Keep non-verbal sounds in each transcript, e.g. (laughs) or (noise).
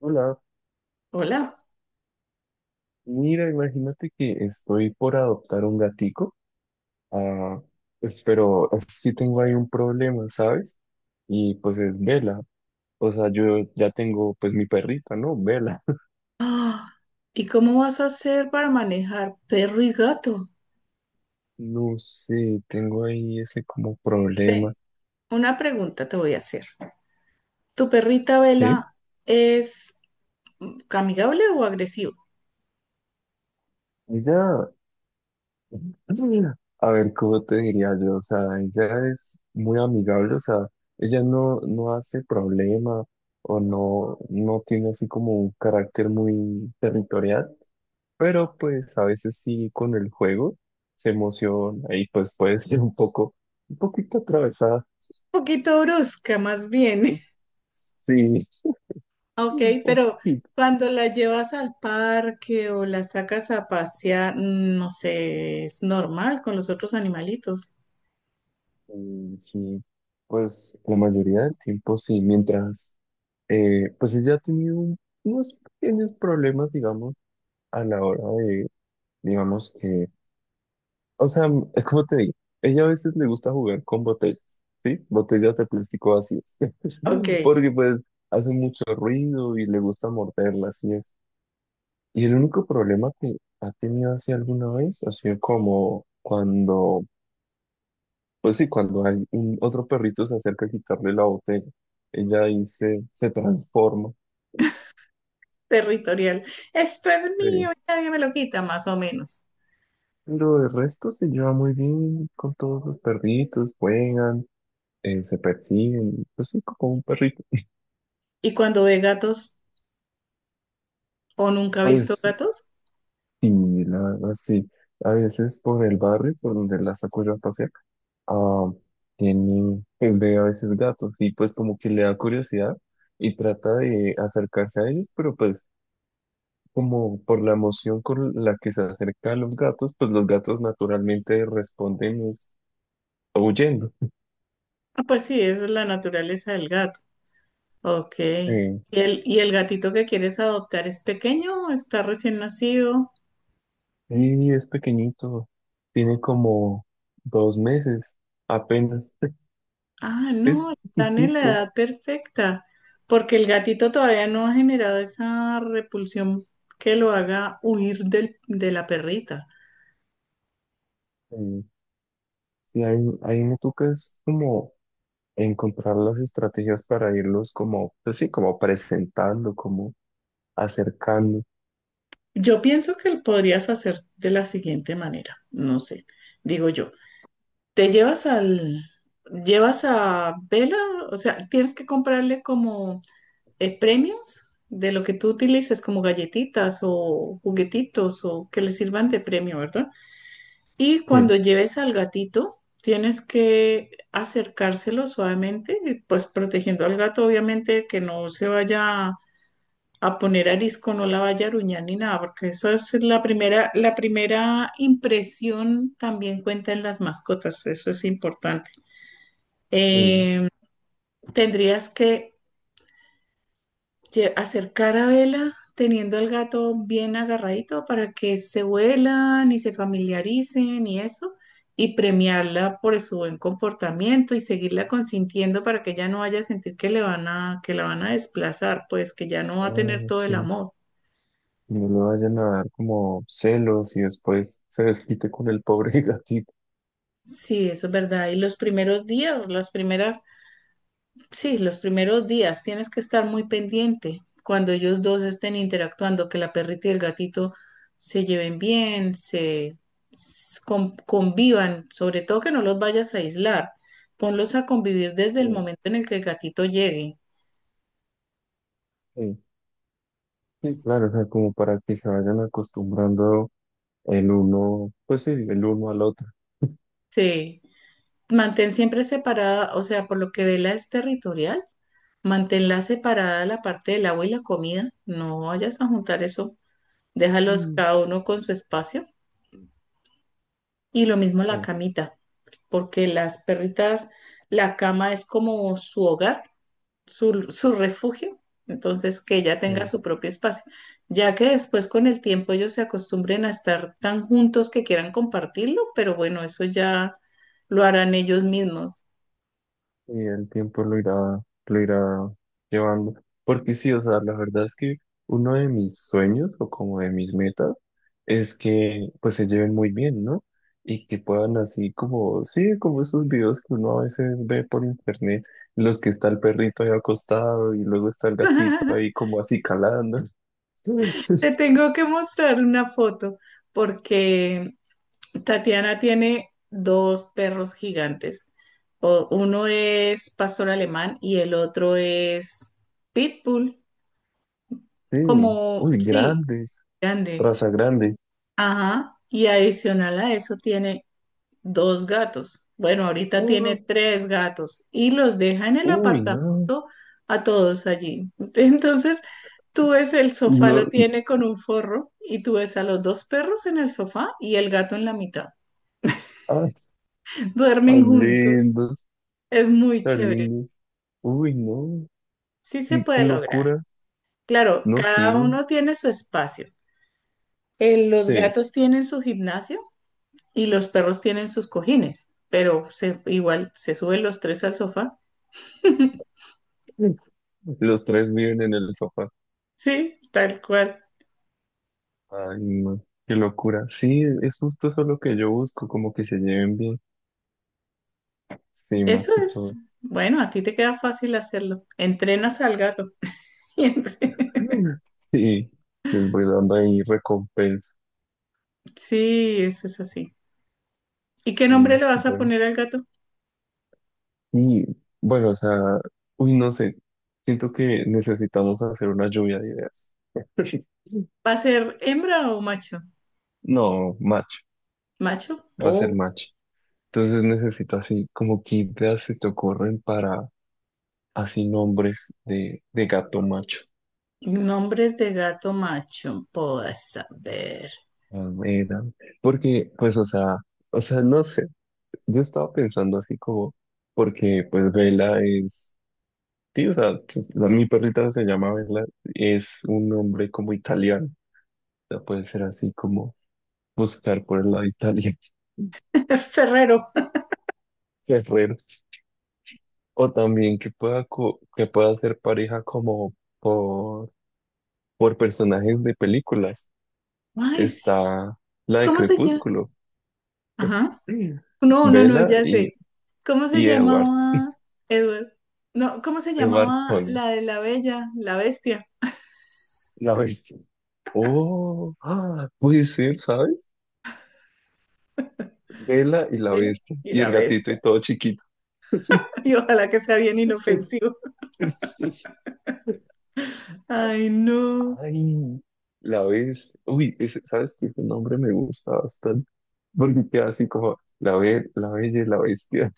Hola, Hola. mira, imagínate que estoy por adoptar un gatico, ah, pues, pero es que tengo ahí un problema, ¿sabes? Y pues es Vela, o sea, yo ya tengo pues mi perrita, ¿no? Vela. (laughs) Ah, ¿y cómo vas a hacer para manejar perro y gato? No sé, tengo ahí ese como Ven, problema, una pregunta te voy a hacer. ¿Tu perrita Vela ¿sí? es amigable o agresiva? Ella, (clears throat) a ver, ¿cómo te diría yo? O sea, ella es muy amigable, o sea, ella no hace problema o no tiene así como un carácter muy territorial. Pero pues a veces sí con el juego se emociona y pues puede (laughs) ser un poco, un poquito atravesada. Un poquito brusca, más bien. Sí, (laughs) Ok, un pero poquito. cuando la llevas al parque o la sacas a pasear, no sé, es normal con los otros animalitos. Sí, pues la mayoría del tiempo sí, mientras, pues ella ha tenido unos pequeños problemas, digamos, a la hora de, digamos que, o sea, es como te digo, ella a veces le gusta jugar con botellas, ¿sí? Botellas de plástico vacías, Ok, (laughs) porque pues hace mucho ruido y le gusta morderlas, sí. Y el único problema que ha tenido así alguna vez ha sido como cuando, pues sí, cuando hay un otro perrito se acerca a quitarle la botella. Ella ahí se transforma. territorial. Esto es mío, Sí. nadie me lo quita, más o menos. Pero de resto se lleva muy bien con todos los perritos, juegan, se persiguen, pues sí, como un perrito. ¿Y cuando ve gatos? ¿O nunca ha visto Pues gatos? y la verdad, sí, a veces por el barrio, por donde la saco yo a pasear, ah, tiene, pues ve a veces gatos y pues como que le da curiosidad y trata de acercarse a ellos, pero pues como por la emoción con la que se acerca a los gatos, pues los gatos naturalmente responden es huyendo. Ah, pues sí, esa es la naturaleza del gato. Ok. ¿Y Sí, y el gatito que quieres adoptar es pequeño o está recién nacido? y es pequeñito, tiene como dos meses apenas, (laughs) Ah, es no, están en la chiquitico. edad perfecta, porque el gatito todavía no ha generado esa repulsión que lo haga huir de la perrita. Sí, sí, hay una tuca es como... encontrar las estrategias para irlos como, pues sí, como presentando, como acercando, Yo pienso que lo podrías hacer de la siguiente manera, no sé, digo yo. Te llevas al, llevas a Vela, o sea, tienes que comprarle como premios de lo que tú utilices como galletitas o juguetitos o que le sirvan de premio, ¿verdad? Y que cuando lleves al gatito, tienes que acercárselo suavemente, y pues protegiendo al gato, obviamente, que no se vaya a poner arisco, no la vaya a aruñar ni nada, porque eso es la primera impresión también cuenta en las mascotas, eso es importante. que, Eh, tendrías que acercar a Vela teniendo al gato bien agarradito para que se vuelan y se familiaricen y eso, y premiarla por su buen comportamiento y seguirla consintiendo para que ella no vaya a sentir que que la van a desplazar, pues que ya no va a tener ah, todo el sí, amor. no le vayan a dar como celos y después se desquite con el pobre (laughs) gatito. Sí, eso es verdad. Y los primeros días, las primeras Sí, los primeros días tienes que estar muy pendiente cuando ellos dos estén interactuando, que la perrita y el gatito se lleven bien, convivan, sobre todo que no los vayas a aislar, ponlos a convivir desde Sí, el momento en el que el gatito llegue. sí, sí, claro, o sea, como para que se vayan acostumbrando el uno, pues sí, el uno al otro. Sí, mantén siempre separada, o sea, por lo que Vela es territorial, manténla separada la parte del agua y la comida, no vayas a juntar eso, déjalos Mm. cada uno con su espacio. Y lo mismo la Sí, camita, porque las perritas, la cama es como su hogar, su refugio, entonces que ella tenga sí. su propio espacio, ya que después con el tiempo ellos se acostumbren a estar tan juntos que quieran compartirlo, pero bueno, eso ya lo harán ellos mismos. Y el tiempo lo irá llevando. Porque sí, o sea, la verdad es que uno de mis sueños o como de mis metas es que pues se lleven muy bien, ¿no? Y que puedan así como, sí, como esos videos que uno a veces ve por internet, en los que está el perrito ahí acostado y luego está el gatito ahí (laughs) como así calando. (laughs) Te tengo que mostrar una foto porque Tatiana tiene dos perros gigantes. Uno es pastor alemán y el otro es pitbull, Sí, como, uy, sí, grandes, grande. raza grande. Ajá. Y adicional a eso tiene dos gatos. Bueno, ahorita Ah, tiene tres gatos y los deja en el uy, no, apartamento a todos allí. (laughs) Entonces, tú ves el sofá, lo no, tiene con un forro y tú ves a los dos perros en el sofá y el gato en la mitad. ah, (laughs) Duermen tan juntos. lindos. Es muy Está chévere. lindo. Uy, no, Sí se qué, qué puede lograr. locura. Claro, No, sí, cada uno tiene su espacio. Los sí. gatos tienen su gimnasio y los perros tienen sus cojines, pero igual se suben los tres al sofá. Los tres viven en el sofá. Sí, tal cual. Ay, no, qué locura. Sí, es justo eso lo que yo busco, como que se lleven bien. Sí, más Eso que es. todo. Bueno, a ti te queda fácil hacerlo. Entrenas al gato. (laughs) Y Sí, les voy dando ahí recompensa. Sí, eso es así. ¿Y qué nombre Y le vas a bueno, poner al gato? y bueno, o sea, uy, no sé. Siento que necesitamos hacer una lluvia de ideas. (laughs) ¿Va a ser hembra o macho? No, match, ¿Macho? va a ser Oh, match. Entonces necesito así como qué ideas se te ocurren para así nombres de gato macho. nombres de gato macho. Puedo saber. A ver, porque pues o sea, no sé, yo estaba pensando así como, porque pues Vela es, sí, o sea, pues, mi perrita se llama Vela, es un nombre como italiano, o sea, puede ser así como buscar por el lado italiano, (laughs) Es Ferrero. guerrero, o también que pueda, que pueda ser pareja como por, por personajes de películas. Ay, sí. Está la de ¿Cómo se llama? Crepúsculo, Ajá. (laughs) No, no, no, Bella ya sé. ¿Cómo se y Edward, llamaba, Edward? No, ¿cómo se Edward llamaba Cullen, la de la bella, la bestia? la bestia. Oh, ah, puede ser, ¿sabes? Bella y la Bella bestia, y y la el gatito bestia. y todo chiquito. (laughs) Y ojalá que sea bien (laughs) inofensivo. Sí. Ay, no. Ay, la bestia. Uy, ¿sabes qué? Ese nombre me gusta bastante, porque queda así como la, la bella y la bestia.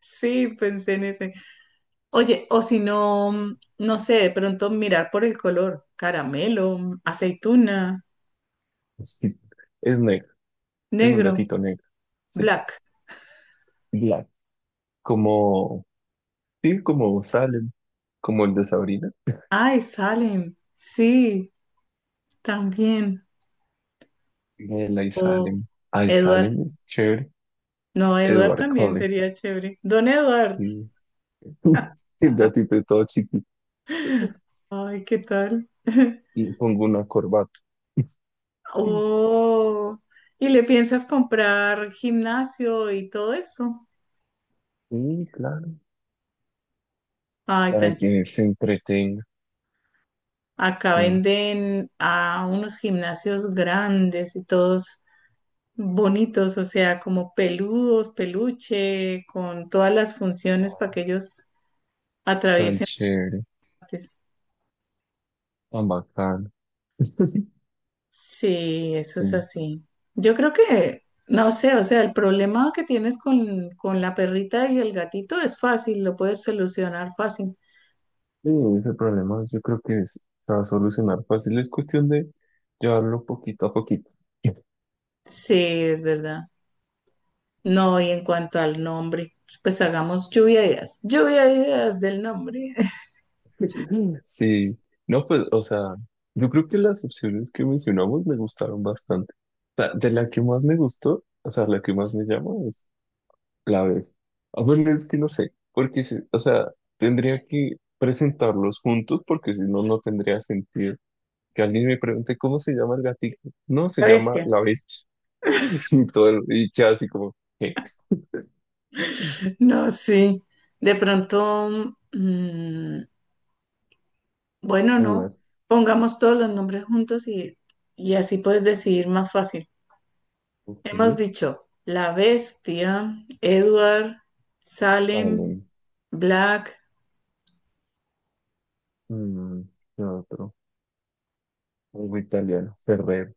Sí, pensé en ese. Oye, o si no, no sé, de pronto mirar por el color. Caramelo, aceituna, Sí. Es negro, es un negro, gatito negro. Sí, black. black. Como, sí, como sale, como el de Sabrina, Ay, salen. Sí, también. el O Aisalem. Edward. Aisalem es chévere. No, Eduard Edward también Cullen. sería chévere. Don Eduard. Y (laughs) el gatito es todo chiquito. Ay, ¿qué tal? (laughs) Y pongo una corbata. Oh, ¿y le piensas comprar gimnasio y todo eso? Sí, claro. Ay, Para que se entretenga. Acá Sí. venden a unos gimnasios grandes y todos bonitos, o sea, como peludos, peluche, con todas las funciones para que ellos Tan atraviesen. chévere, Antes. tan bacano. Sí, eso Sí. es así. Yo creo que, no sé, o sea, el problema que tienes con la perrita y el gatito es fácil, lo puedes solucionar fácil. Sí, ese problema yo creo que se va a solucionar fácil. Es cuestión de llevarlo poquito a poquito. Sí, es verdad. No, y en cuanto al nombre, pues hagamos lluvia de ideas. Lluvia de ideas del nombre. (laughs) Sí, no, pues, o sea, yo creo que las opciones que mencionamos me gustaron bastante. O sea, de la que más me gustó, o sea, la que más me llama es la vez. A ver, es que no sé, porque, o sea, tendría que presentarlos juntos porque si no, no tendría sentido que alguien me pregunte cómo se llama el gatito. No, se La llama bestia. la bestia. (laughs) Y todo, y queda así como, ¿qué? No, sí. De pronto, mm, bueno, A no. Pongamos todos los nombres juntos y así puedes decidir más fácil. ok, Hemos dicho La Bestia, Edward, Salem, vale. Black, Mm, ¿qué otro? Algo italiano, Ferrero.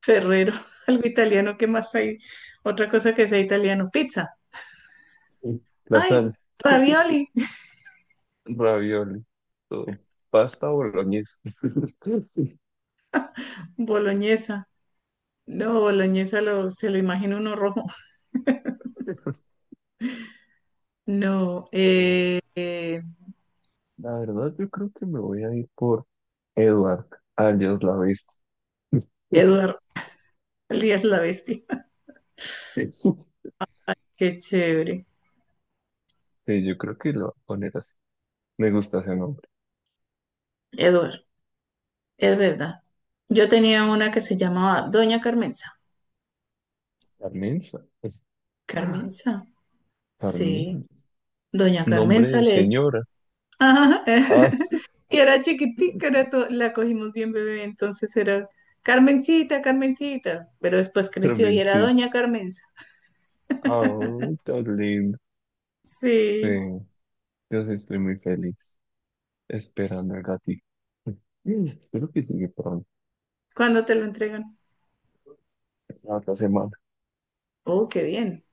Ferrero, (laughs) algo italiano. ¿Qué más hay? Otra cosa que sea italiano. Pizza. Sí. ¡Ay! Lasaña, (laughs) Ravioli. (laughs) ravioli, todo. Pasta boloñesa. (laughs) Boloñesa. No, boloñesa se lo imagina uno rojo. No, Oh, la verdad, yo creo que me voy a ir por Edward, alias la bestia. (laughs) Edward, Elías la Bestia. (laughs) Qué chévere. Sí, yo creo que lo voy a poner así. Me gusta ese nombre. Edward, es verdad. Yo tenía una que se llamaba Doña Carmenza. Carmenza. (gasps) Carmenza, sí. Carmen. Doña Nombre Carmenza de le decía. señora. Ajá. Ah, (laughs) Y era chiquitica, (laughs) la cogimos bien bebé, entonces era Carmencita, Carmencita, pero después creció y era Carmencita. Doña Carmenza. Oh, tan lindo. Sí, Sí, yo sí estoy muy feliz esperando al gatito. (laughs) Espero que llegue pronto. ¿cuándo te lo entregan? La otra semana. Oh, qué bien.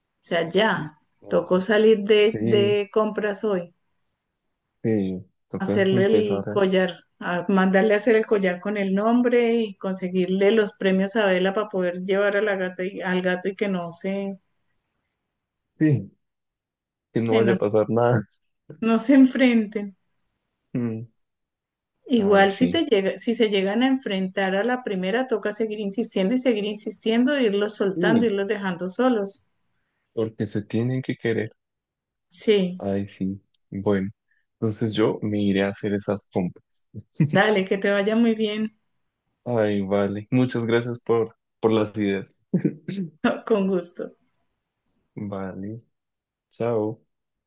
O sea, ya, No. tocó salir Sí, de compras hoy, sí, toca es hacerle el empezar. Collar, a mandarle a hacer el collar con el nombre y conseguirle los premios a Vela para poder llevar a la gata y, al gato y que no se, Sí, que no que vaya no, a pasar nada. (laughs) no se enfrenten. Mm. Ay, Igual si sí, te llega, si se llegan a enfrentar a la primera, toca seguir insistiendo y seguir insistiendo, irlos soltando, sí, irlos dejando solos. porque se tienen que querer. Sí, Ay, sí. Bueno, entonces yo me iré a hacer esas compras. dale, que te vaya muy bien, Ay, vale. Muchas gracias por las ideas. (laughs) con gusto. Vale, chao.